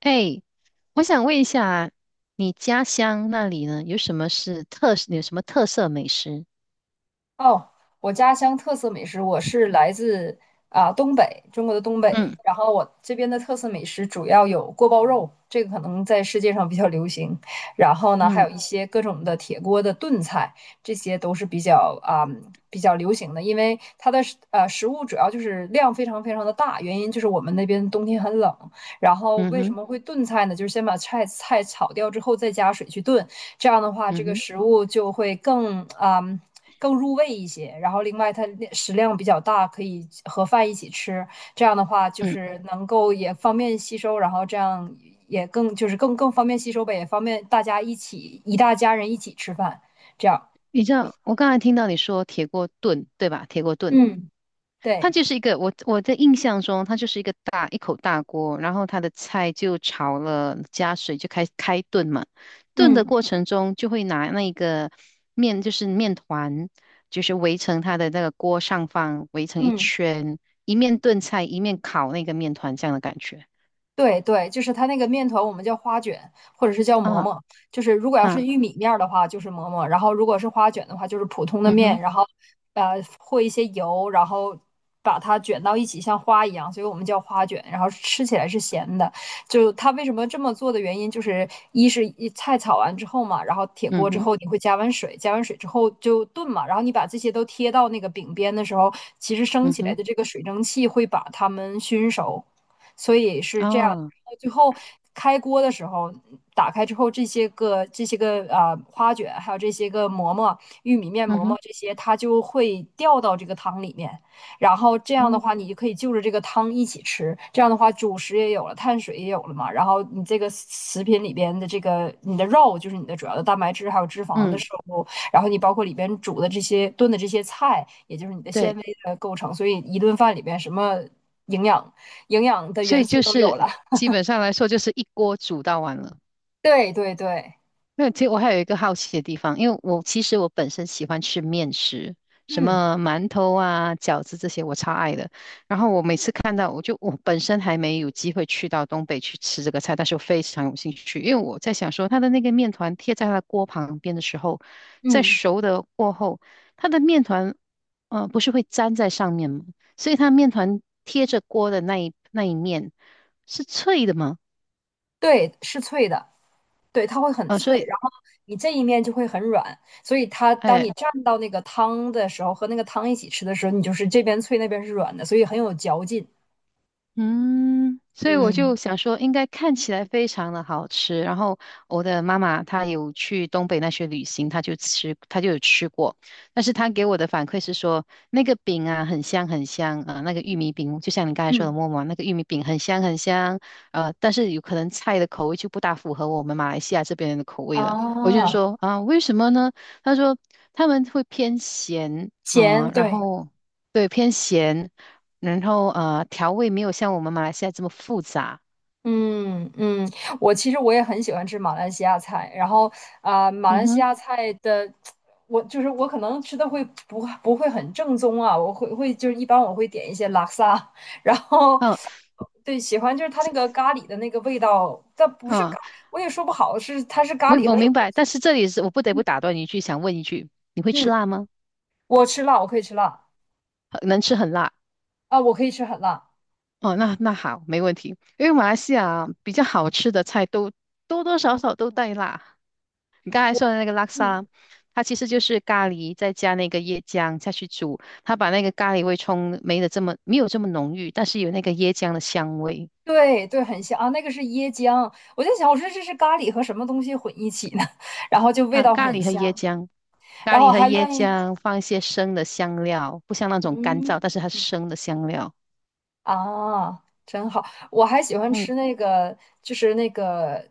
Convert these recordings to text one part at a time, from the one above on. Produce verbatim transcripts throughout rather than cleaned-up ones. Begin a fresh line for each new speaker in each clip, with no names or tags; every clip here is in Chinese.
哎，我想问一下，你家乡那里呢，有什么是特，有什么特色美食？
哦，我家乡特色美食，我是来自啊、东北，中国的东北。
嗯。
然后我这边的特色美食主要有锅包肉，这个可能在世界上比较流行。然后呢，还
嗯。
有一些各种的铁锅的炖菜，这些都是比较啊、比较流行的。因为它的食呃食物主要就是量非常非常的大，原因就是我们那边冬天很冷。然后
嗯
为什
哼。
么会炖菜呢？就是先把菜菜炒掉之后，再加水去炖，这样的话，这
嗯
个
哼。
食物就会更啊。更入味一些。然后另外它食量比较大，可以和饭一起吃。这样的话就
嗯，
是能够也方便吸收，然后这样也更就是更更方便吸收呗，也方便大家一起一大家人一起吃饭。这样，
你知道我刚才听到你说铁锅炖，对吧？铁锅炖，
嗯
它
对。
就是一个我我的印象中，它就是一个大一口大锅，然后它的菜就炒了，加水就开开炖嘛。炖的
嗯
过程中就会拿那个面，就是面团，就是围成它的那个锅上方，围成一
嗯。
圈，一面炖菜，一面烤那个面团，这样的感觉。
对对，就是它那个面团，我们叫花卷，或者是叫馍
啊。
馍。就是如果要是
啊，
玉米面儿的话，就是馍馍；然后如果是花卷的话，就是普通的
嗯
面，
哼，
然后呃和一些油，然后把它卷到一起，像花一样，所以我们叫花卷。然后吃起来是咸的。就它为什么这么做的原因，就是一是一菜炒完之后嘛，然后铁
嗯
锅之
哼，
后你会加完水，加完水之后就炖嘛，然后你把这些都贴到那个饼边的时候，其实升
嗯
起来
哼，
的这个水蒸气会把它们熏熟。所以是这样。
啊，
到最后开锅的时候，打开之后这些个这些个呃花卷，还有这些个馍馍、玉米面
嗯
馍馍
哼，
这些，它就会掉到这个汤里面。然后这样的
哦，
话，你就可以就着这个汤一起吃。这样的话，主食也有了，碳水也有了嘛。然后你这个食品里边的这个你的肉，就是你的主要的蛋白质还有脂肪的
嗯，
摄入，然后你包括里边煮的这些炖的这些菜，也就是你的纤
对，
维的构成。所以一顿饭里边什么营养营养的
所以
元素
就
都有了。
是 基本上来说，就是一锅煮到完了。
对对对，
没有，其实我还有一个好奇的地方，因为我其实我本身喜欢吃面食，什
嗯
么馒头啊、饺子这些我超爱的。然后我每次看到，我就我本身还没有机会去到东北去吃这个菜，但是我非常有兴趣，因为我在想说，它的那个面团贴在它的锅旁边的时候，在
嗯，
熟的过后，它的面团呃不是会粘在上面吗？所以它面团贴着锅的那一那一面是脆的吗？
对，是脆的，对，它会很
啊、所
脆，
以。
然后你这一面就会很软，所以它当
哎，
你蘸到那个汤的时候，和那个汤一起吃的时候，你就是这边脆那边是软的，所以很有嚼劲。
嗯，所以我
嗯
就想说，应该看起来非常的好吃。然后我的妈妈她有去东北那些旅行，她就吃，她就有吃过。但是她给我的反馈是说，那个饼啊很香很香啊、呃那个玉米饼，就像你刚才说
嗯
的馍馍，那个玉米饼很香很香。呃，但是有可能菜的口味就不大符合我们马来西亚这边人的口味了。我就
啊，
说啊、为什么呢？她说他们会偏咸，
咸，
嗯、然
对
后对偏咸，然后呃，调味没有像我们马来西亚这么复杂。
嗯嗯，我其实我也很喜欢吃马来西亚菜，然后啊、呃马
嗯
来西
哼。
亚菜的，我就是我可能吃的会不不会很正宗啊，我会会就是一般我会点一些拉萨，然后
嗯
对喜欢就是它那个咖喱的那个味道，但不是
嗯，
咖，我也说不好是它是
我
咖喱
我
和什么
明
东
白。
西。
但是这里是我不得不打断你一句，想问一句，你会
嗯，
吃
嗯
辣吗？
我吃辣，我可以吃辣
呃能吃很辣？
啊，我可以吃很辣，
哦，那那好，没问题。因为马来西亚比较好吃的菜都多多少少都带辣。你刚才
我
说的那个拉沙，
嗯。
它其实就是咖喱再加那个椰浆下去煮，它把那个咖喱味冲没的这么没有这么浓郁，但是有那个椰浆的香味。
对对，很香啊，那个是椰浆。我就想，我说这是咖喱和什么东西混一起呢？然后就味
啊，
道
咖
很
喱和椰
香，
浆，咖
然后
喱
我
和
还
椰
愿意
浆放一些生的香料，不像那种干燥，但是它是生的香料。
啊，真好。我还喜欢
嗯。
吃那个，就是那个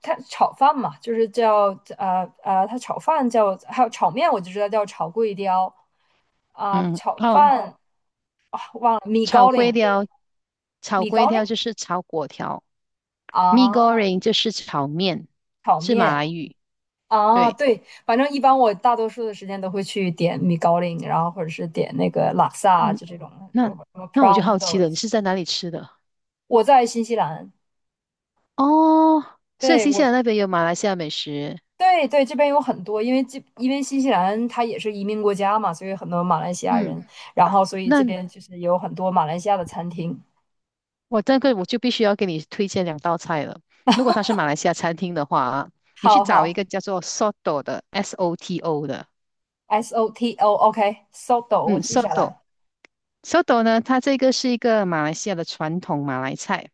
它炒饭嘛，就是叫呃呃，它炒饭叫，还有炒面，我就知道叫炒桂雕啊、
嗯，
炒
哦，
饭忘了米
炒
糕林
粿条，炒
米
粿
糕林
条就是炒粿条，mee
啊，
goreng 就是炒面，
炒
是马
面。
来语。
啊，
对，
对，反正一般我大多数的时间都会去点米高林，然后或者是点那个拉萨，
嗯，
就这种呃什
那
么 p
那
r
我
a w
就
o o
好
d
奇
l
了，你
s
是在哪里吃的？
我在新西兰，
哦，所以
对
新西
我
兰那边有马来西亚美食。
对对这边有很多，因为这因为新西兰它也是移民国家嘛，所以很多马来西亚
嗯，
人，然后所以这
那
边就是有很多马来西亚的餐厅。
我这个我就必须要给你推荐两道菜了。如果它是马来西亚餐厅的话啊，你去
好
找
好
一个叫做 Soto 的 S O T O 的，
，S O T O，OK，Soto，我
嗯
记下
，Soto。
来。
Soto 呢，它这个是一个马来西亚的传统马来菜，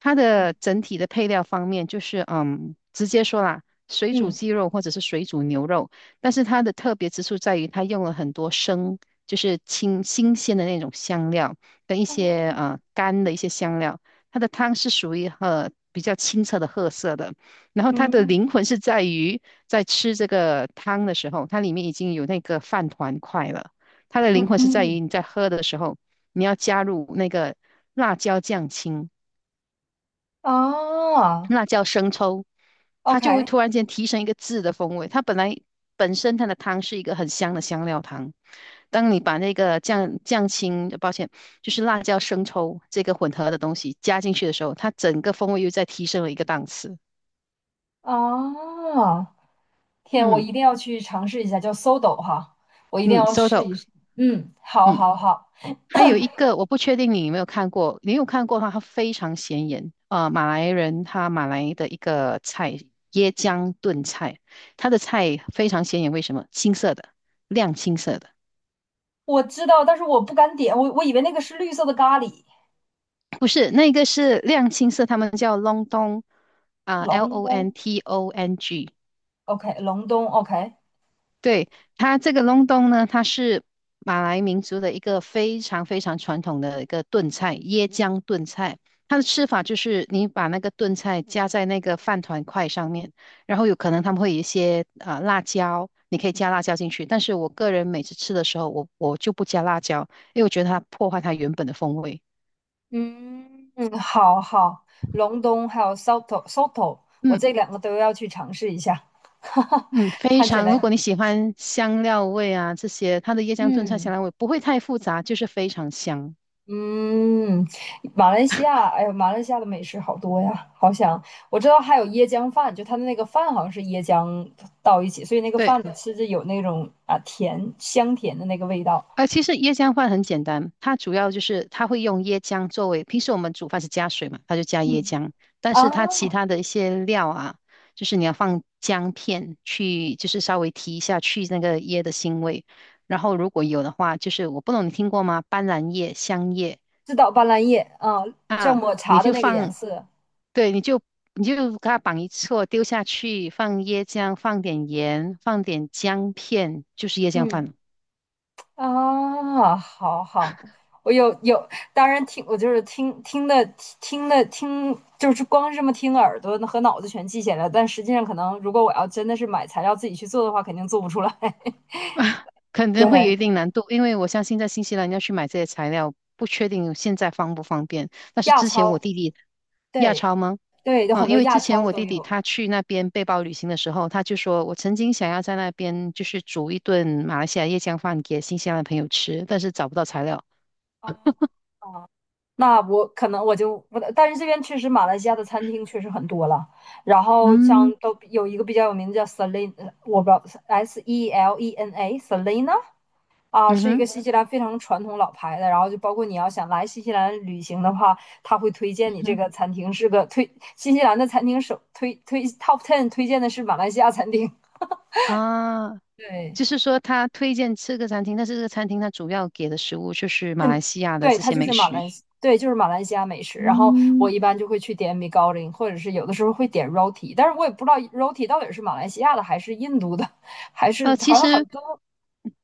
它的整体的配料方面就是，嗯，直接说啦，水煮
嗯
鸡肉或者是水煮牛肉，但是它的特别之处在于它用了很多生，就是清新鲜的那种香料跟一些
嗯
呃干的一些香料，它的汤是属于呃比较清澈的褐色的，然后它的灵
嗯
魂是在于在吃这个汤的时候，它里面已经有那个饭团块了。它的灵魂是在
嗯
于你在喝的时候，你要加入那个辣椒酱青、
啊
辣椒生抽，它
，OK
就会突然间提升一个字的风味。它本来本身它的汤是一个很香的香料汤，当你把那个酱酱青，抱歉，就是辣椒生抽这个混合的东西加进去的时候，它整个风味又再提升了一个档次。
啊。天，我
嗯
一定要去尝试一下，叫 s o d o 哈，我一定
嗯
要试
，soto，
一试。嗯，好，
嗯。
好，好，
还有一个我不确定你有没有看过，你有看过的话，它非常显眼。呃，马来人他马来的一个菜，椰浆炖菜，它的菜非常显眼，为什么？青色的，亮青色的，
我知道，但是我不敢点，我我以为那个是绿色的咖喱，
不是那个是亮青色，他们叫 l o n d o n g 啊，L
隆
O N
冬
T O N G，
，OK，隆冬，OK，
对，它这个隆冬呢，它是马来民族的一个非常非常传统的一个炖菜，椰浆炖菜。它的吃法就是你把那个炖菜加在那个饭团块上面，然后有可能他们会有一些呃辣椒，你可以加辣椒进去。但是我个人每次吃的时候，我我就不加辣椒，因为我觉得它破坏它原本的风味。
嗯，嗯，好好，隆冬还有 Soto Soto，我
嗯
这两个都要去尝试一下，哈哈，
嗯，非
看起
常。如果
来，
你喜欢香料味啊这些，它的椰浆炖菜
嗯。
香料味不会太复杂，就是非常香。
嗯，马来西亚，哎呦，马来西亚的美食好多呀，好想，我知道还有椰浆饭，就它的那个饭好像是椰浆到一起，所以那个饭
对。
你吃着有那种啊甜香甜的那个味道
呃，其实椰浆饭很简单，它主要就是它会用椰浆作为，平时我们煮饭是加水嘛，它就加椰
嗯
浆，但是它其
啊，
他的一些料啊，就是你要放姜片去，就是稍微提一下去那个椰的腥味，然后如果有的话，就是我不懂你听过吗？斑斓叶、香叶
知道斑斓叶啊，像
啊，
抹嗯
你
茶的
就
那个颜
放，
色，
对，你就你就给它绑一撮丢下去，放椰浆，放点盐，放点姜片，就是椰浆饭
嗯。
了。
啊，好好，我有有，当然听，我就是听听的听的听，就是光是这么听耳朵和脑子全记下来，但实际上可能如果我要真的是买材料自己去做的话，肯定做不出来。
肯定会有
对，
一定难度，因为我相信在新西兰要去买这些材料，不确定现在方不方便。但是
亚
之前我
超，
弟弟亚
对
超吗？
对，有很
嗯，因
多
为之
亚
前
超
我
都
弟弟
有
他去那边背包旅行的时候，他就说我曾经想要在那边就是煮一顿马来西亚椰浆饭给新西兰的朋友吃，但是找不到材料。
啊。那我可能我就我，但是这边确实马来西亚的餐厅确实很多了。然后像
嗯，
都有一个比较有名的叫 Selena，我不知道 S E L E N A Selena 啊，
嗯
是一
哼，
个新西兰非常传统老牌的，然后就包括你要想来新西兰旅行的话，他会推
嗯
荐你这
哼，
个餐厅是个推新西兰的餐厅首推推 top ten 推荐的是马来西亚餐厅，
啊，
对
就是说他推荐吃个餐厅，但是这个餐厅它主要给的食物就是马来西亚的
对，
这
它
些
就
美
是马
食。
来西对就是马来西亚美食，然后我
嗯。
一般就会去点米糕林，或者是有的时候会点 roti，但是我也不知道 roti 到底是马来西亚的还是印度的，还是
呃，其
好像很
实
多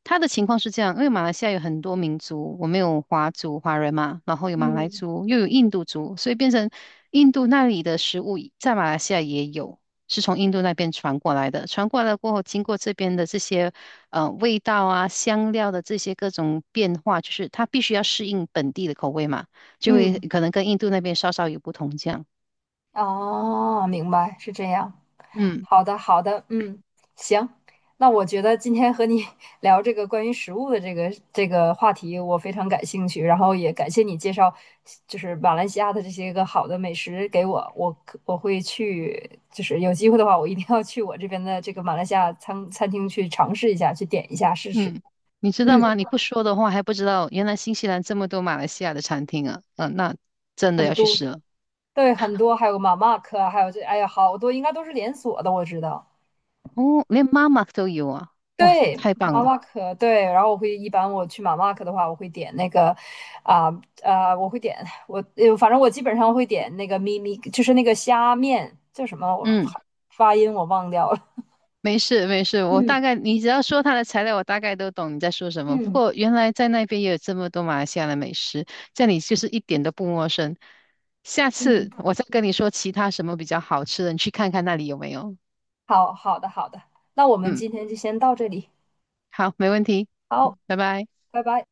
他的情况是这样，因为马来西亚有很多民族，我们有华族、华人嘛，然后有马来
嗯
族，又有印度族，所以变成印度那里的食物在马来西亚也有，是从印度那边传过来的。传过来过后，经过这边的这些呃味道啊、香料的这些各种变化，就是它必须要适应本地的口味嘛，就会
嗯。
可能跟印度那边稍稍有不同这样。
哦，明白，是这样。
嗯。
好的，好的，嗯，行。那我觉得今天和你 聊这个关于食物的这个这个话题，我非常感兴趣，然后也感谢你介绍，就是马来西亚的这些个好的美食给我，我可我会去，就是有机会的话，我一定要去我这边的这个马来西亚餐餐厅去尝试一下，去点一下试试。
嗯，你知道
嗯，
吗？你不说的话还不知道，原来新西兰这么多马来西亚的餐厅啊，嗯、那真的
很
要去
多，
试了。
对，很多，还有马马克，还有这，哎呀，好多应该都是连锁的，我知道。
哦，连妈妈都有啊，哇，
对，
太棒
马
了。
马可，对，然后我会一般我去马马可的话，我会点那个，啊、啊，我会点我，呃反正我基本上会点那个咪咪，就是那个虾面，叫什么？我
嗯，
发音我忘掉了。
没事没事，我
嗯
大概你只要说它的材料，我大概都懂你在说什么。不
嗯
过原来在那边也有这么多马来西亚的美食，这里就是一点都不陌生。下
嗯，
次我再跟你说其他什么比较好吃的，你去看看那里有没有。
好好的好的，那我们
嗯，
今天就先到这里，
好，没问题。
好，
嗯，拜拜。
拜拜。